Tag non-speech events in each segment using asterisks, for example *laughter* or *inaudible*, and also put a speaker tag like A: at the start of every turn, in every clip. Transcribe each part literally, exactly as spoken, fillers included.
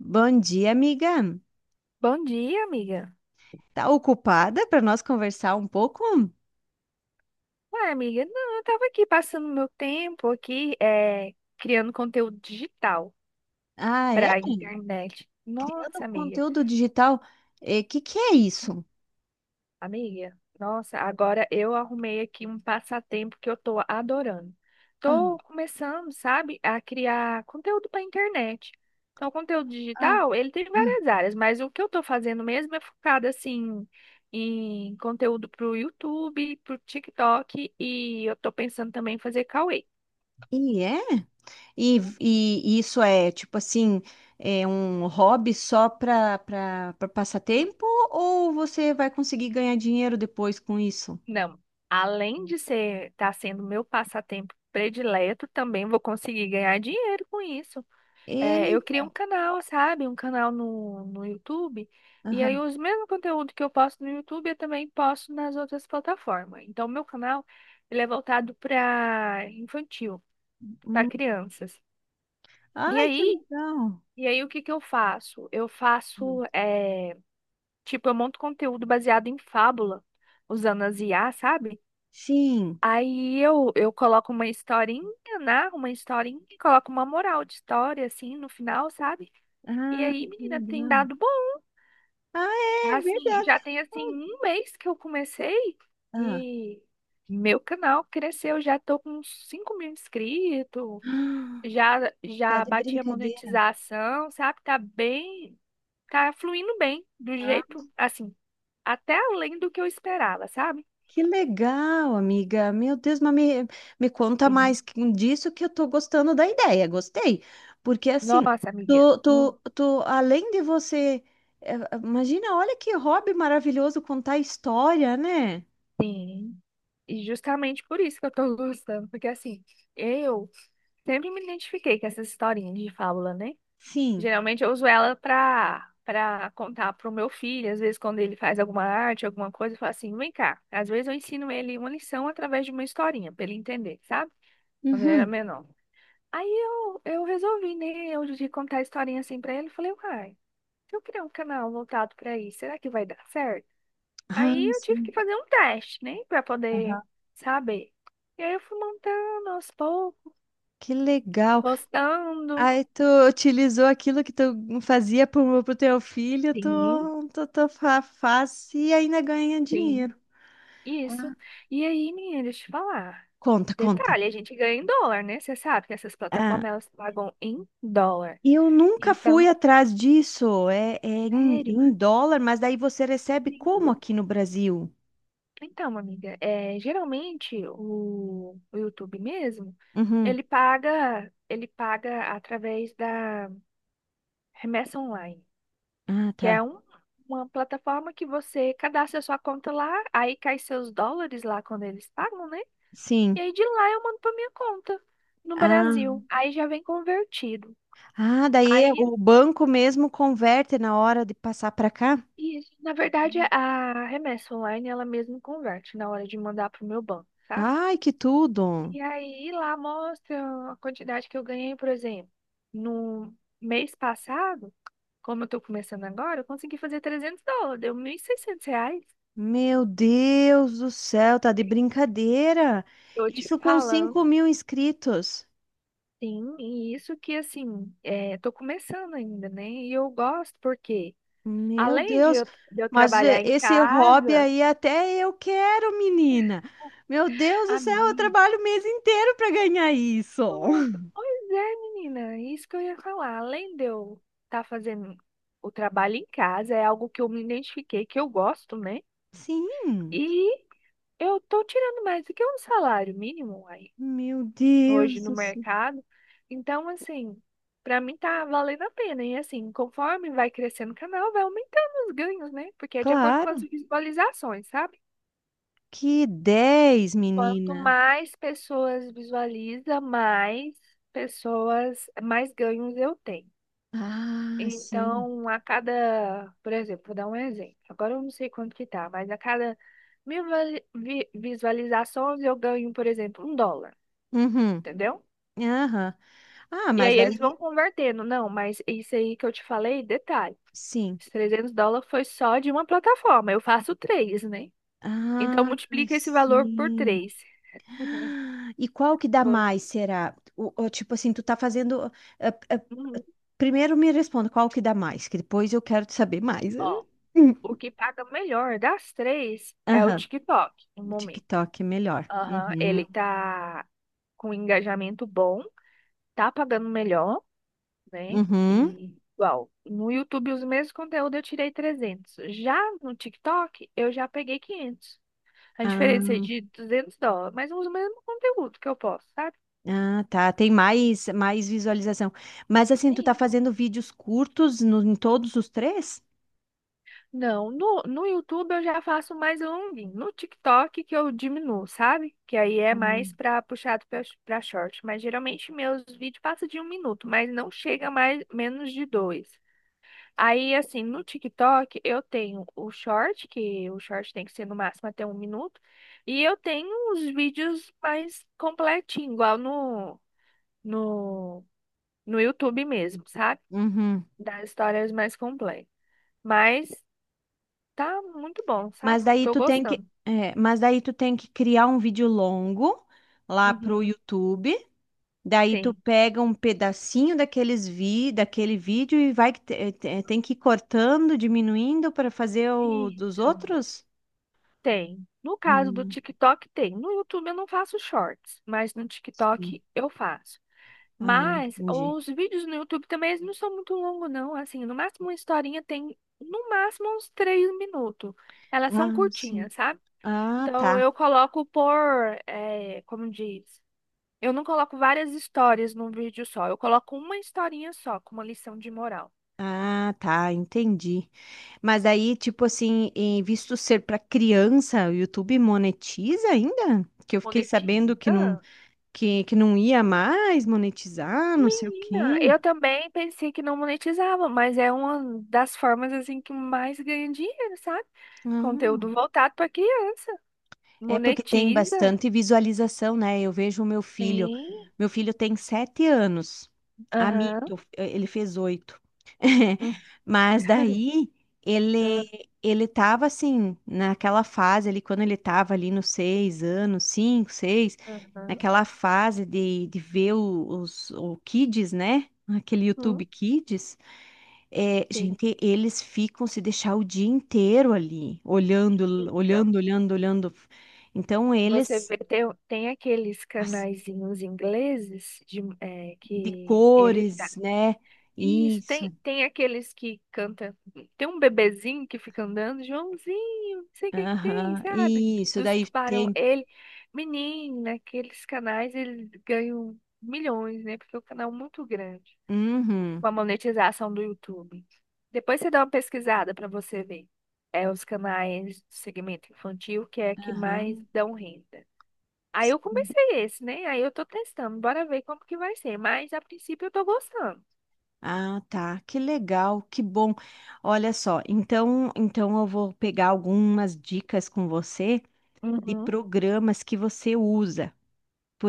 A: Bom dia, amiga.
B: Bom dia, amiga.
A: Tá ocupada para nós conversar um pouco?
B: Ué, amiga, não, eu tava aqui passando meu tempo aqui, é, criando conteúdo digital
A: Ah, é?
B: pra internet.
A: Criando
B: Nossa, amiga,
A: conteúdo digital. O que que é isso?
B: amiga, nossa, agora eu arrumei aqui um passatempo que eu tô adorando.
A: Ah,
B: Tô começando, sabe, a criar conteúdo pra internet. Então, o conteúdo
A: ah,
B: digital, ele tem
A: ah.
B: várias áreas, mas o que eu tô fazendo mesmo é focado, assim, em conteúdo pro YouTube, pro TikTok, e eu tô pensando também em fazer Cauê.
A: E é? E, e isso é tipo assim, é um hobby só para para passar tempo ou você vai conseguir ganhar dinheiro depois com isso?
B: Não, além de ser estar sendo meu passatempo predileto, também vou conseguir ganhar dinheiro com isso. É,
A: E,
B: eu criei um canal, sabe? Um canal no, no YouTube. E aí,
A: aham.
B: os mesmos conteúdos que eu posto no YouTube, eu também posto nas outras plataformas. Então, meu canal, ele é voltado para infantil, para
A: Hum.
B: crianças. E
A: Ai, que
B: aí,
A: legal.
B: e aí, o que que eu faço? Eu faço,
A: Hum.
B: é, tipo, eu monto conteúdo baseado em fábula, usando as I A, sabe?
A: Sim.
B: Aí eu, eu coloco uma historinha, narro uma historinha e coloco uma moral de história, assim, no final, sabe? E
A: Ah,
B: aí,
A: que
B: menina, tem
A: legal.
B: dado bom.
A: Ah, é
B: Assim,
A: verdade.
B: já tem, assim, um mês que eu comecei
A: Ah,
B: e meu canal cresceu. Já tô com uns cinco mil inscritos,
A: *gasps* Ah,
B: já,
A: tá
B: já
A: de
B: bati a
A: brincadeira.
B: monetização, sabe? Tá bem, tá fluindo bem, do
A: Ah,
B: jeito, assim, até além do que eu esperava, sabe?
A: que legal, amiga. Meu Deus, mas me, me conta
B: Sim.
A: mais que- disso que eu tô gostando da ideia. Gostei. Porque assim,
B: Nossa, amiga.
A: tu,
B: Hum,
A: tu, tu, além de você. eh, Imagina, olha que hobby maravilhoso contar história, né?
B: Sim. E justamente por isso que eu tô *laughs* gostando, porque assim, eu sempre me identifiquei com essas historinhas de fábula, né?
A: Sim.
B: Geralmente eu uso ela pra, pra contar pro meu filho, às vezes quando ele faz alguma arte, alguma coisa, eu falo assim, vem cá. Às vezes eu ensino ele uma lição através de uma historinha, pra ele entender, sabe? Quando ele era
A: Uhum.
B: menor. Aí eu, eu resolvi, né, eu de contar a historinha assim pra ele, eu falei, uai, se eu criar um canal voltado pra isso, será que vai dar certo?
A: Ah,
B: Aí eu tive
A: sim.
B: que fazer um teste, né, para poder
A: Aham.
B: saber. E aí eu fui montando aos poucos,
A: Que legal.
B: gostando.
A: Aí tu utilizou aquilo que tu fazia pro, pro teu filho,
B: Sim,
A: tu, tu, tu fa- faz e ainda ganha
B: sim,
A: dinheiro.
B: isso. E aí, menina, deixa eu te falar.
A: Conta, conta.
B: Detalhe, a gente ganha em dólar, né? Você sabe que essas
A: Ah,
B: plataformas elas pagam em dólar.
A: eu nunca fui
B: Então,
A: atrás disso. É, é em,
B: sério,
A: em dólar, mas daí você recebe como
B: sim.
A: aqui no Brasil?
B: Então, amiga, é, geralmente o, o YouTube mesmo,
A: Uhum.
B: ele paga, ele paga através da remessa online.
A: Ah,
B: Que
A: tá.
B: é um- uma plataforma que você cadastra sua conta lá, aí cai seus dólares lá quando eles pagam, né? E
A: Sim.
B: aí de lá eu mando para minha conta no
A: Ah,
B: Brasil. Aí já vem convertido.
A: ah, daí é-
B: Aí,
A: o banco mesmo converte na hora de passar para cá?
B: isso, na verdade, a remessa online ela mesmo converte na hora de mandar para o meu banco, sabe?
A: Ai, que tudo!
B: E aí lá mostra a quantidade que eu ganhei, por exemplo, no mês passado, como eu tô começando agora, eu consegui fazer trezentos dólares, deu mil e seiscentos reais.
A: Meu Deus do céu, tá de brincadeira!
B: Eu te
A: Isso com cinco
B: falando.
A: mil inscritos.
B: Sim, e isso que assim, é, tô começando ainda, né? E eu gosto porque,
A: Meu
B: além de
A: Deus,
B: eu, de eu
A: mas eh,
B: trabalhar em
A: esse hobby
B: casa,
A: aí até eu quero, menina. Meu Deus do
B: a
A: céu, eu
B: mim,
A: trabalho o mês inteiro para ganhar isso.
B: nossa,
A: *laughs*
B: pois é, menina, isso que eu ia falar. Além de eu estar fazendo o trabalho em casa, é algo que eu me identifiquei, que eu gosto, né?
A: Sim,
B: E eu tô tirando mais do que um salário mínimo
A: meu
B: hoje
A: Deus
B: no
A: do céu.
B: mercado. Então, assim, para mim tá valendo a pena. E assim, conforme vai crescendo o canal, vai aumentando os ganhos, né? Porque é de acordo com as
A: Claro,
B: visualizações, sabe?
A: que dez,
B: Quanto
A: menina.
B: mais pessoas visualiza, mais pessoas, mais ganhos eu tenho.
A: Ah, sim.
B: Então, a cada, por exemplo, vou dar um exemplo. Agora eu não sei quanto que tá, mas a cada mil vali- vi- visualizações eu ganho, por exemplo, um dólar,
A: Uhum.
B: entendeu?
A: Aham. Ah,
B: E aí
A: mas
B: eles
A: aí,
B: vão convertendo. Não, mas isso aí que eu te falei, detalhe.
A: sim.
B: Os trezentos dólares foi só de uma plataforma. Eu faço três, né? Então
A: Ah,
B: multiplica esse valor por
A: sim.
B: três.
A: Ah, e qual que dá
B: Foi.
A: mais, será? O, o tipo assim, tu tá fazendo. eh, eh,
B: Uhum.
A: Primeiro me responda qual que dá mais, que depois eu quero te saber mais.
B: Ó,
A: Hum.
B: o que paga melhor das três é o
A: Aham,
B: TikTok, no momento.
A: TikTok é melhor.
B: Aham, ele
A: Uhum.
B: tá com engajamento bom, tá pagando melhor, né?
A: Uhum.
B: E igual, no YouTube os mesmos conteúdos eu tirei trezentos. Já no TikTok eu já peguei quinhentos. A diferença é
A: Ah,
B: de duzentos dólares, mas usa o mesmo conteúdo que eu posso, sabe?
A: ah, tá. Tem mais, mais visualização. Mas assim, tu tá
B: Sim.
A: fazendo vídeos curtos no- em todos os três?
B: Não, no, no YouTube eu já faço mais longuinho. No TikTok que eu diminuo, sabe? Que aí é mais
A: Uhum.
B: pra puxado pra, pra short. Mas geralmente meus vídeos passam de um minuto, mas não chega mais menos de dois. Aí, assim, no TikTok eu tenho o short, que o short tem que ser no máximo até um minuto. E eu tenho os vídeos mais completinhos, igual no, no, no YouTube mesmo, sabe?
A: Uhum.
B: Das histórias mais complexas, mas tá muito bom, sabe?
A: Mas daí
B: Tô
A: tu tem que,
B: gostando.
A: é, mas daí tu tem que criar um vídeo longo lá pro
B: Uhum,
A: YouTube. Daí tu
B: tem.
A: pega um pedacinho daqueles vi, daquele vídeo e vai que te- te- tem que ir cortando, diminuindo para fazer o dos
B: Isso.
A: outros?
B: Tem. No caso
A: Ah,
B: do TikTok, tem. No YouTube eu não faço shorts, mas no
A: sim.
B: TikTok eu faço.
A: Ah,
B: Mas
A: entendi.
B: os vídeos no YouTube também eles não são muito longos, não. Assim, no máximo uma historinha tem, no máximo, uns três minutos. Elas são
A: Ah, sim.
B: curtinhas, sabe?
A: Ah,
B: Então
A: tá.
B: eu coloco por, eh, como diz? Eu não coloco várias histórias num vídeo só. Eu coloco uma historinha só, com uma lição de moral.
A: Ah, tá, entendi. Mas aí, tipo assim, em visto ser para criança, o YouTube monetiza ainda? Que eu fiquei
B: Monetinho.
A: sabendo que não
B: Ah,
A: que, que não ia mais monetizar, não sei o
B: menina,
A: quê.
B: eu também pensei que não monetizava, mas é uma das formas assim que mais ganha dinheiro, sabe? Conteúdo
A: Ah.
B: voltado para criança.
A: É porque tem
B: Monetiza.
A: bastante visualização, né? Eu vejo o meu filho.
B: Sim.
A: Meu filho tem sete anos. A
B: Aham.
A: mito, ele fez oito. *laughs*
B: Hum,
A: Mas daí ele
B: ah,
A: ele tava assim, naquela fase ali, quando ele tava ali nos seis anos, cinco, seis,
B: aham.
A: naquela fase de, de ver o- os o Kids, né? Aquele YouTube
B: Hum,
A: Kids. É,
B: sim.
A: gente, eles ficam se deixar o dia inteiro ali, olhando,
B: Fica.
A: olhando, olhando, olhando. Então,
B: Você
A: eles,
B: vê, tem, tem, aqueles
A: as-
B: canaizinhos ingleses de, é,
A: de
B: que eles...
A: cores, né?
B: Isso,
A: Isso,
B: tem, tem aqueles que cantam. Tem um bebezinho que fica andando, Joãozinho, não sei o que que tem,
A: aham,
B: sabe?
A: isso.
B: Dos
A: Daí
B: tubarão.
A: tem.
B: Ele, menina, aqueles canais, eles ganham milhões, né? Porque é um canal muito grande.
A: Uhum,
B: Com a monetização do YouTube. Depois você dá uma pesquisada pra você ver. É os canais do segmento infantil que é que mais
A: aham.
B: dão renda. Aí eu comecei esse, né? Aí eu tô testando, bora ver como que vai ser. Mas a princípio eu tô gostando.
A: Ah, tá, que legal, que bom. Olha só, então, então eu vou pegar algumas dicas com você de
B: Uhum.
A: programas que você usa.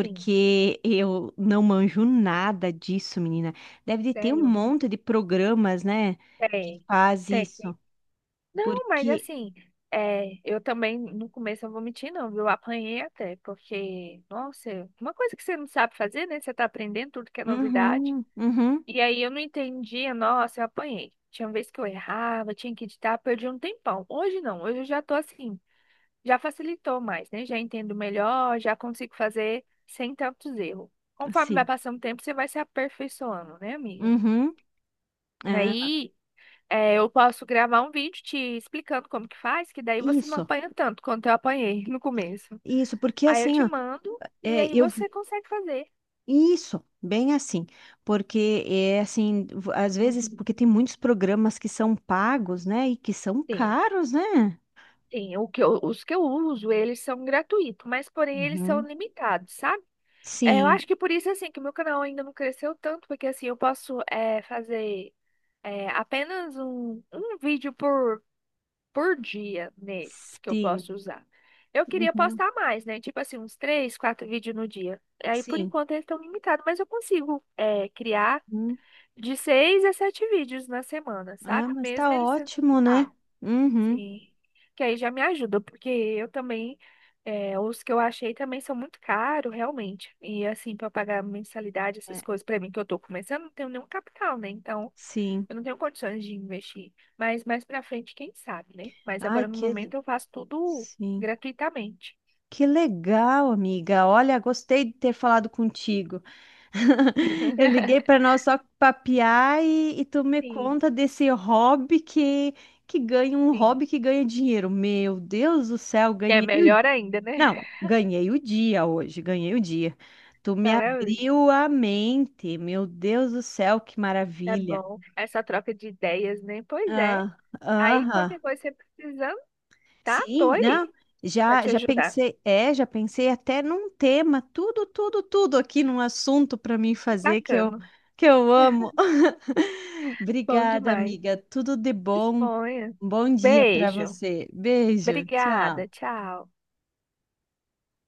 B: Sim.
A: eu não manjo nada disso, menina. Deve de ter um
B: Sério?
A: monte de programas, né, que
B: Tem,
A: faz
B: tem, tem.
A: isso.
B: Não, mas
A: Porque,
B: assim, é, eu também, no começo, eu vou mentir, não, viu? Eu apanhei até, porque, nossa, uma coisa que você não sabe fazer, né? Você tá aprendendo tudo que é novidade.
A: uhum, uhum,
B: E aí eu não entendia, nossa, eu apanhei. Tinha vez que eu errava, tinha que editar, perdi um tempão. Hoje não, hoje eu já tô assim, já facilitou mais, né? Já entendo melhor, já consigo fazer sem tantos erros. Conforme vai
A: sim,
B: passando o tempo, você vai se aperfeiçoando, né, amiga?
A: uhum, é,
B: Aí. É, eu posso gravar um vídeo te explicando como que faz, que daí você não
A: isso,
B: apanha tanto quanto eu apanhei no começo.
A: isso, porque
B: Aí eu
A: assim,
B: te
A: ó,
B: mando e
A: é,
B: aí
A: eu, vi-
B: você consegue fazer.
A: isso, bem assim, porque é assim, v- às vezes,
B: Uhum.
A: porque tem muitos programas que são pagos, né, e que são
B: Tem,
A: caros, né?
B: tem. O que eu- os que eu uso, eles são gratuitos, mas porém eles são
A: Uhum.
B: limitados, sabe? É, eu
A: Sim,
B: acho que por isso, assim, que o meu canal ainda não cresceu tanto, porque assim, eu posso é, fazer é, apenas um, um vídeo por por dia neles que eu
A: sim,
B: posso usar. Eu queria
A: uhum,
B: postar mais, né? Tipo assim, uns três, quatro vídeos no dia. Aí, por
A: sim.
B: enquanto, eles estão limitados, mas eu consigo é, criar
A: Hum.
B: de seis a sete vídeos na semana,
A: Ah,
B: sabe?
A: mas tá
B: Mesmo eles sendo
A: ótimo, né?
B: limitados.
A: Uhum.
B: Sim. Que aí já me ajuda, porque eu também, é, os que eu achei também são muito caros, realmente. E assim, para pagar mensalidade,
A: É,
B: essas coisas, para mim que eu tô começando, não tenho nenhum capital, né? Então.
A: sim.
B: Eu não tenho condições de investir, mas mais pra frente, quem sabe, né? Mas
A: Ai,
B: agora no
A: que
B: momento eu faço tudo
A: sim.
B: gratuitamente.
A: Que legal, amiga. Olha, gostei de ter falado contigo. *laughs* Eu liguei para
B: *laughs*
A: nós só papiar e, e tu me
B: Sim,
A: conta desse hobby que que ganha um
B: sim.
A: hobby que ganha dinheiro. Meu Deus do céu,
B: Que é
A: ganhei. o-
B: melhor ainda, né?
A: Não,
B: *laughs*
A: ganhei o dia hoje, ganhei o dia. Tu me
B: Maravilha.
A: abriu a mente. Meu Deus do céu, que
B: Tá
A: maravilha.
B: bom. Essa troca de ideias, né? Pois é.
A: Ah,
B: Aí
A: aham.
B: qualquer coisa você precisando, tá? Tô
A: Sim, né?
B: aí pra
A: Já,
B: te
A: já
B: ajudar.
A: pensei, é, já pensei até num tema, tudo, tudo, tudo aqui num assunto para mim
B: Que
A: fazer que eu,
B: bacana.
A: que eu amo.
B: *laughs*
A: *laughs*
B: Bom
A: Obrigada,
B: demais.
A: amiga. Tudo de bom.
B: Disponha.
A: Um bom dia para
B: Beijo.
A: você. Beijo.
B: Obrigada.
A: Tchau.
B: Tchau.